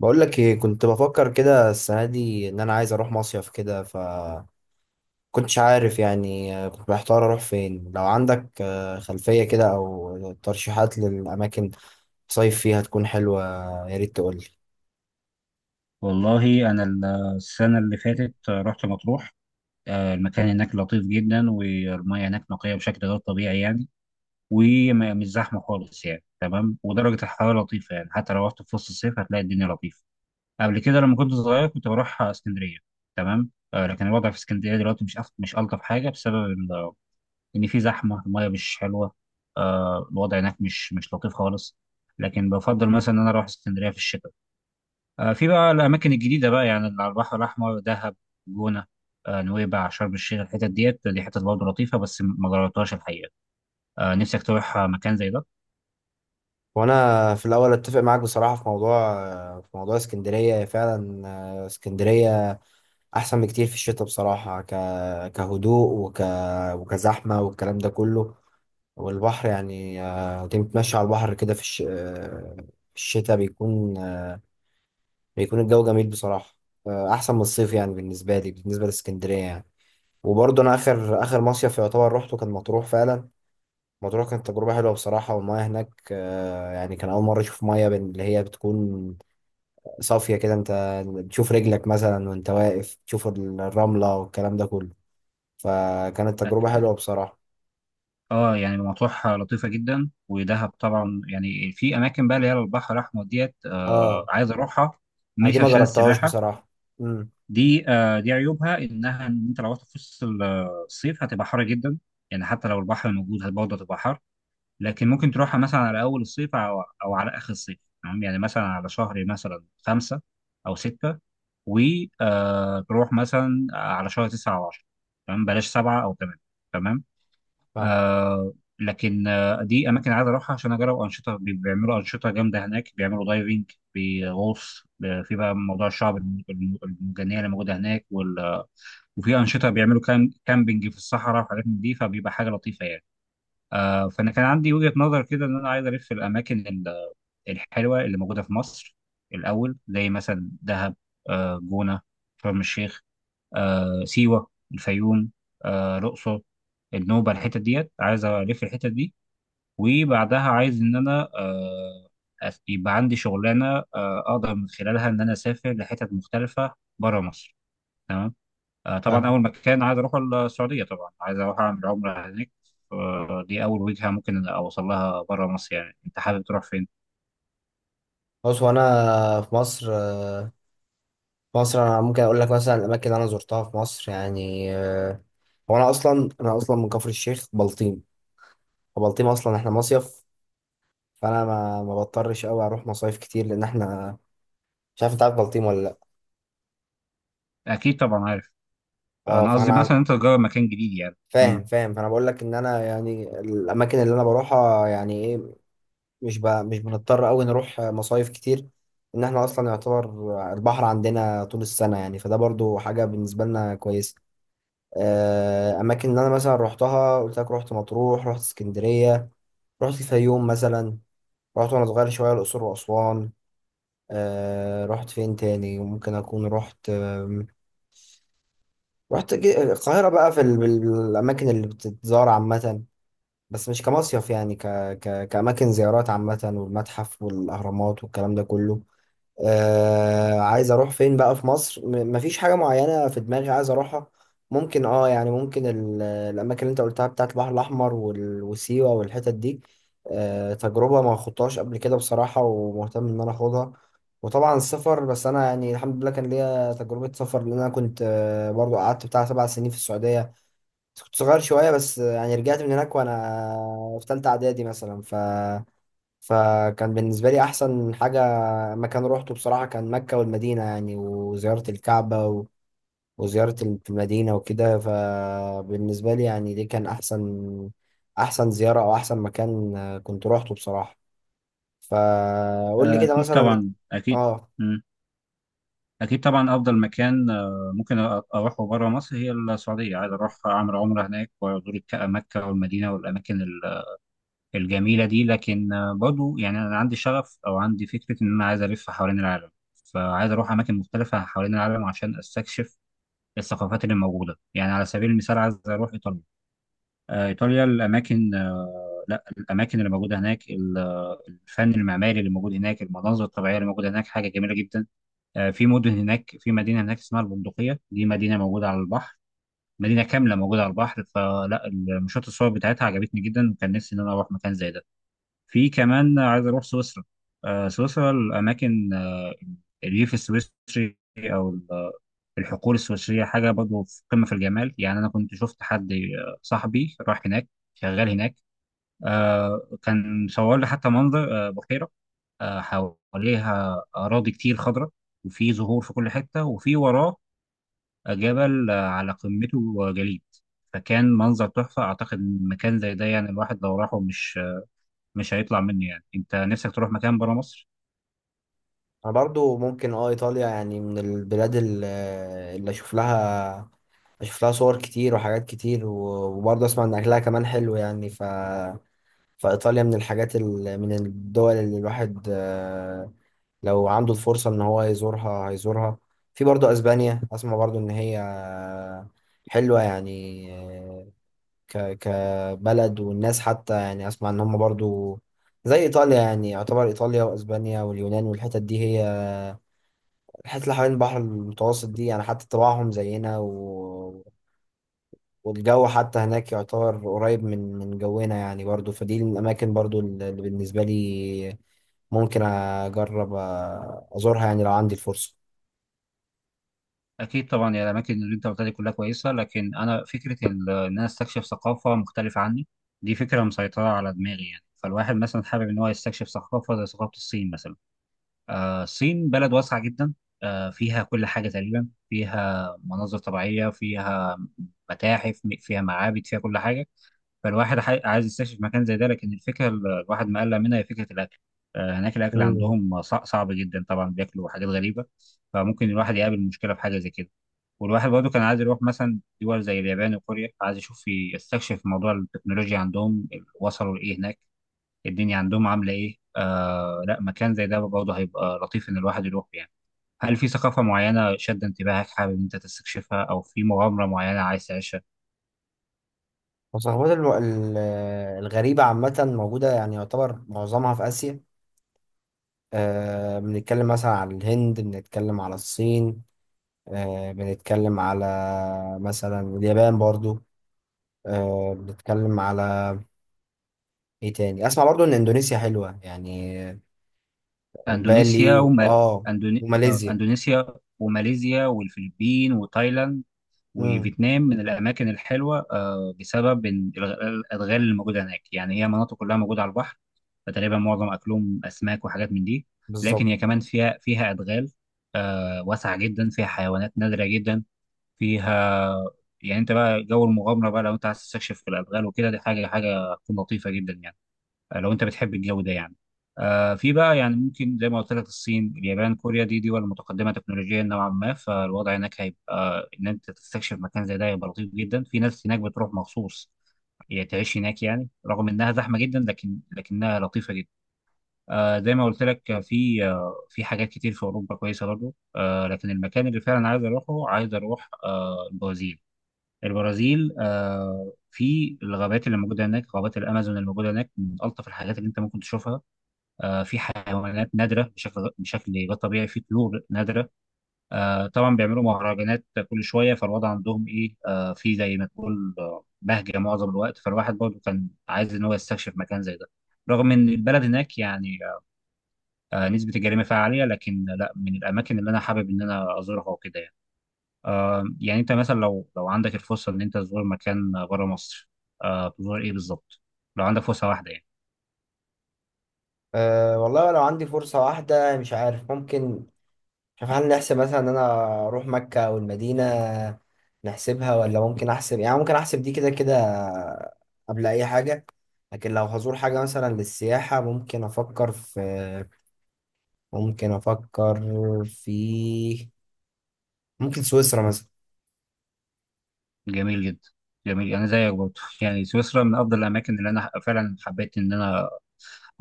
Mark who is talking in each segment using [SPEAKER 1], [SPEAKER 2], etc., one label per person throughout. [SPEAKER 1] بقول لك ايه، كنت بفكر كده السنه دي ان انا عايز اروح مصيف كده. ف كنتش عارف، يعني كنت محتار اروح فين. لو عندك خلفيه كده او ترشيحات للاماكن تصيف فيها تكون حلوه، يا ريت تقول لي.
[SPEAKER 2] والله أنا السنة اللي فاتت رحت مطروح. المكان هناك لطيف جدا، والمياه هناك نقية بشكل غير طبيعي يعني، ومش زحمة خالص يعني، تمام. ودرجة الحرارة لطيفة يعني، حتى لو رحت في وسط الصيف هتلاقي الدنيا لطيفة. قبل كده لما كنت صغير كنت بروح اسكندرية، تمام. لكن الوضع في اسكندرية دلوقتي مش ألطف حاجة بسبب إن في زحمة، المياه مش حلوة. الوضع هناك مش لطيف خالص. لكن بفضل مثلا إن أنا أروح اسكندرية في الشتاء. في بقى الأماكن الجديدة بقى يعني اللي على البحر الأحمر: دهب، جونة، نويبع، شرم الشيخ. الحتت ديت دي حتت برضه لطيفة بس ما جربتهاش الحقيقة. نفسك تروح مكان زي ده؟
[SPEAKER 1] وانا في الاول اتفق معاك بصراحه في موضوع، في موضوع اسكندريه فعلا. اسكندريه احسن بكتير في الشتاء بصراحه، كهدوء وك... وكزحمه والكلام ده كله. والبحر يعني، تمشي على البحر كده في الش... آه، في الشتاء، بيكون بيكون الجو جميل بصراحة. أحسن من الصيف يعني، بالنسبة لي بالنسبة لإسكندرية يعني. وبرضه أنا آخر آخر مصيف يعتبر روحته كان مطروح فعلا. مطروح كانت تجربة حلوة بصراحة، والمياه هناك يعني كان أول مرة أشوف مياه اللي هي بتكون صافية كده، أنت بتشوف رجلك مثلا وأنت واقف، تشوف الرملة والكلام ده كله. فكانت تجربة
[SPEAKER 2] أك-
[SPEAKER 1] حلوة بصراحة.
[SPEAKER 2] اه، يعني مطروح لطيفة جدا، ودهب طبعا. يعني في أماكن بقى اللي هي على البحر الأحمر ديت
[SPEAKER 1] اه،
[SPEAKER 2] عايز أروحها،
[SPEAKER 1] أنا دي
[SPEAKER 2] مش
[SPEAKER 1] ما
[SPEAKER 2] عشان
[SPEAKER 1] جربتهاش
[SPEAKER 2] السباحة.
[SPEAKER 1] بصراحة. امم.
[SPEAKER 2] دي دي عيوبها إنها إن أنت لو رحت في وسط الصيف هتبقى حر جدا، يعني حتى لو البحر موجود برضه هتبقى حر. لكن ممكن تروحها مثلا على اول الصيف او على اخر الصيف، تمام. يعني مثلا على شهر مثلا 5 او 6، وتروح مثلا على شهر 9 او 10، تمام، بلاش 7 او 8، تمام.
[SPEAKER 1] فاهم،
[SPEAKER 2] لكن دي اماكن عايز اروحها عشان اجرب انشطه. بيعملوا انشطه جامده هناك، بيعملوا دايفنج بغوص في بقى موضوع الشعب المرجانيه اللي موجوده هناك وال... آه، وفي انشطه بيعملوا كامبينج في الصحراء وحاجات من دي، فبيبقى حاجه لطيفه يعني. فانا كان عندي وجهة نظر كده ان انا عايز الف الاماكن الحلوة اللي موجودة في مصر الاول، زي مثلا دهب، جونة، شرم الشيخ، سيوة، الفيوم، الأقصر، النوبة. الحتت ديت عايز ألف الحتت دي، وبعدها عايز إن أنا يبقى عندي شغلانة أقدر من خلالها إن أنا أسافر لحتت مختلفة بره مصر، تمام. طبعا
[SPEAKER 1] فاهم.
[SPEAKER 2] اول مكان عايز اروح السعوديه، طبعا عايز اروح اعمل عمره هناك. دي اول وجهه ممكن اوصل لها بره مصر. يعني انت حابب تروح فين؟
[SPEAKER 1] بص، وانا في مصر انا ممكن اقول لك مثلا الاماكن اللي انا زرتها في مصر يعني. هو انا اصلا من كفر الشيخ، بلطيم. وبلطيم اصلا احنا مصيف، فانا ما بضطرش قوي اروح مصايف كتير، لان احنا مش عارف. انت عارف بلطيم ولا لا؟
[SPEAKER 2] اكيد طبعا عارف.
[SPEAKER 1] اه،
[SPEAKER 2] انا قصدي مثلا انت تجرب مكان جديد يعني. مم.
[SPEAKER 1] فاهم، فاهم. فانا بقول لك ان انا يعني الاماكن اللي انا بروحها يعني ايه، مش بنضطر قوي نروح مصايف كتير. ان احنا اصلا يعتبر البحر عندنا طول السنة يعني، فده برضو حاجة بالنسبة لنا كويسة. اماكن اللي انا مثلا روحتها قلت لك، روحت مطروح، روحت اسكندريه، رحت الفيوم مثلا، رحت وانا صغير شويه الاقصر واسوان. آه، رحت فين تاني ممكن اكون رحت؟ رحت القاهره بقى في الاماكن اللي بتتزار عامه، بس مش كمصيف يعني، كاماكن زيارات عامه، والمتحف والاهرامات والكلام ده كله. آه عايز اروح فين بقى في مصر؟ مفيش حاجة معينة في دماغي عايز اروحها. ممكن اه، يعني ممكن الاماكن اللي انت قلتها بتاعت البحر الاحمر وال- وسيوة والحتت دي، آه، تجربة ما خدتهاش قبل كده بصراحة، ومهتم ان انا اخدها. وطبعا السفر، بس انا يعني الحمد لله كان ليا تجربة سفر، لان انا كنت آه برضو قعدت بتاع 7 سنين في السعودية، بس كنت صغير شوية، بس يعني رجعت من هناك وانا في تالتة اعدادي مثلا. فكان بالنسبة لي أحسن حاجة مكان روحته بصراحة كان مكة والمدينة يعني، وزيارة الكعبة و وزيارة في المدينة وكده. فبالنسبة لي يعني دي كان أحسن أحسن زيارة أو أحسن مكان كنت روحته بصراحة. فقول لي كده
[SPEAKER 2] اكيد
[SPEAKER 1] مثلا.
[SPEAKER 2] طبعا اكيد.
[SPEAKER 1] آه،
[SPEAKER 2] مم. اكيد طبعا افضل مكان ممكن اروحه بره مصر هي السعوديه، عايز اروح اعمل عمره هناك وازور مكه والمدينه والاماكن الجميلة دي. لكن برضو يعني أنا عندي شغف أو عندي فكرة إن أنا عايز ألف حوالين العالم، فعايز أروح أماكن مختلفة حوالين العالم عشان أستكشف الثقافات اللي موجودة. يعني على سبيل المثال عايز أروح إيطاليا. إيطاليا الأماكن لا، الأماكن اللي موجودة هناك، الفن المعماري اللي موجود هناك، المناظر الطبيعية اللي موجودة هناك حاجة جميلة جدا. في مدن هناك، في مدينة هناك اسمها البندقية، دي مدينة موجودة على البحر، مدينة كاملة موجودة على البحر، فلا المشاهد الصور بتاعتها عجبتني جدا، وكان نفسي إن أنا أروح مكان زي ده. في كمان عايز اروح سويسرا. سويسرا الاماكن الريف السويسري او ال- الحقول السويسريه حاجه برضه في قمه في الجمال يعني. انا كنت شفت حد صاحبي راح هناك، شغال هناك. كان صور لي حتى منظر بحيره حواليها اراضي كتير خضراء، وفي زهور في كل حته، وفي وراه جبل على قمته جليد. فكان منظر تحفه. اعتقد إن مكان زي ده يعني الواحد لو راحه مش هيطلع منه يعني. انت نفسك تروح مكان برا مصر؟
[SPEAKER 1] أنا برضو ممكن آه إيطاليا يعني، من البلاد اللي أشوف لها صور كتير وحاجات كتير، وبرضه أسمع إن أكلها كمان حلو يعني. ف فإيطاليا من الدول اللي الواحد لو عنده الفرصة إن هو يزورها هيزورها. في برضه أسبانيا، أسمع برضه إن هي حلوة يعني، كبلد والناس، حتى يعني أسمع إن هم برضه زي إيطاليا. يعني يعتبر إيطاليا وأسبانيا واليونان والحتت دي، هي الحتت اللي حوالين البحر المتوسط دي، يعني حتى طباعهم زينا، والجو حتى هناك يعتبر قريب من من جونا يعني. برضو فدي الأماكن برضو اللي بالنسبة لي ممكن أجرب أزورها يعني لو عندي الفرصة.
[SPEAKER 2] أكيد طبعا، يعني الأماكن اللي أنت قلتها دي كلها كويسة، لكن أنا فكرة إن أنا استكشف ثقافة مختلفة عني دي فكرة مسيطرة على دماغي يعني. فالواحد مثلا حابب إن هو يستكشف ثقافة زي ثقافة الصين مثلا. الصين بلد واسعة جدا. فيها كل حاجة تقريبا، فيها مناظر طبيعية، فيها متاحف، فيها معابد، فيها كل حاجة. فالواحد عايز يستكشف مكان زي ده. لكن الفكره الواحد مقلق منها هي فكره الاكل. هناك الاكل
[SPEAKER 1] مم.
[SPEAKER 2] عندهم صعب جدا، طبعا بياكلوا حاجات غريبه، فممكن الواحد يقابل مشكله في حاجه زي كده. والواحد برضه كان عايز يروح مثلا دول زي اليابان وكوريا، عايز يشوف يستكشف موضوع التكنولوجيا عندهم، وصلوا لايه هناك، الدنيا عندهم عامله ايه. لا، مكان زي ده برضه هيبقى لطيف ان الواحد يروح يعني. هل في ثقافه معينه شد انتباهك حابب ان انت تستكشفها، او في مغامره معينه عايز تعيشها؟
[SPEAKER 1] وصحبات الغريبة عامة موجودة يعني، يعتبر معظمها في آسيا. بنتكلم مثلا على الهند، بنتكلم على الصين، بنتكلم على مثلا اليابان برضو، بنتكلم على ايه تاني؟ اسمع برضو ان اندونيسيا حلوة يعني،
[SPEAKER 2] اندونيسيا
[SPEAKER 1] بالي
[SPEAKER 2] وما...
[SPEAKER 1] اه،
[SPEAKER 2] أندوني... آه،
[SPEAKER 1] وماليزيا.
[SPEAKER 2] اندونيسيا وماليزيا والفلبين وتايلاند
[SPEAKER 1] امم.
[SPEAKER 2] وفيتنام من الاماكن الحلوه بسبب إن الادغال اللي موجوده هناك يعني. هي مناطق كلها موجوده على البحر، فتقريبا معظم اكلهم اسماك وحاجات من دي. لكن
[SPEAKER 1] بالظبط.
[SPEAKER 2] هي كمان فيها ادغال واسعه جدا، فيها حيوانات نادره جدا، فيها. يعني انت بقى جو المغامره بقى، لو انت عايز تستكشف في الادغال وكده دي حاجه تكون لطيفه جدا يعني. لو انت بتحب الجو ده يعني. في بقى يعني ممكن زي ما قلت لك الصين اليابان كوريا دي دول متقدمه تكنولوجيا نوعا ما، فالوضع هناك هيبقى ان انت تستكشف مكان زي ده هيبقى لطيف جدا. في ناس هناك بتروح مخصوص هي تعيش هناك يعني، رغم انها زحمه جدا لكنها لطيفه جدا. زي ما قلت لك في حاجات كتير في اوروبا كويسه برضه. لكن المكان اللي فعلا عايز اروحه، عايز اروح البرازيل. البرازيل في الغابات اللي موجوده هناك، غابات الامازون اللي موجوده هناك من الطف الحاجات اللي انت ممكن تشوفها. في حيوانات نادرة بشكل غير طبيعي، في طيور نادرة. طبعا بيعملوا مهرجانات كل شوية، فالوضع عندهم إيه في زي ما تقول بهجة معظم الوقت، فالواحد برضه كان عايز إن هو يستكشف مكان زي ده. رغم إن البلد هناك يعني نسبة الجريمة فيها عالية، لكن لا، من الأماكن اللي أنا حابب إن أنا أزورها وكده يعني. يعني أنت مثلا لو لو عندك الفرصة إن أنت تزور مكان بره مصر، تزور إيه بالظبط؟ لو عندك فرصة واحدة يعني.
[SPEAKER 1] أه والله، لو عندي فرصة واحدة مش عارف. ممكن مش عارف، هل نحسب مثلا ان انا اروح مكة او المدينة؟ نحسبها؟ ولا ممكن احسب، يعني ممكن احسب دي كده كده قبل اي حاجة. لكن لو هزور حاجة مثلا للسياحة، ممكن افكر في، ممكن افكر في، ممكن سويسرا مثلا.
[SPEAKER 2] جميل جدا. جميل، انا زيك برضه يعني سويسرا من افضل الاماكن اللي انا فعلا حبيت ان انا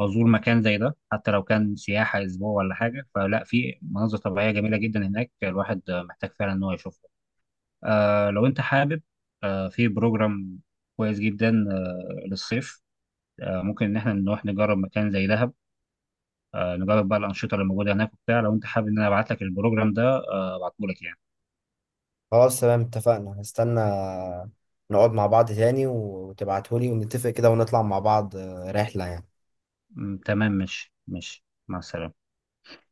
[SPEAKER 2] ازور مكان زي ده، حتى لو كان سياحه اسبوع ولا حاجه. فلا في مناظر طبيعيه جميله جدا هناك، الواحد محتاج فعلا ان هو يشوفها. لو انت حابب، في بروجرام كويس جدا للصيف، ممكن ان احنا نروح نجرب مكان زي دهب، نجرب بقى الانشطه اللي موجوده هناك وبتاع. لو انت حابب ان انا ابعت لك البروجرام ده، ابعته لك يعني.
[SPEAKER 1] خلاص تمام، اتفقنا. هستنى نقعد مع بعض تاني وتبعتهولي ونتفق كده، ونطلع مع بعض رحلة يعني.
[SPEAKER 2] تمام، ماشي ماشي، مع السلامه.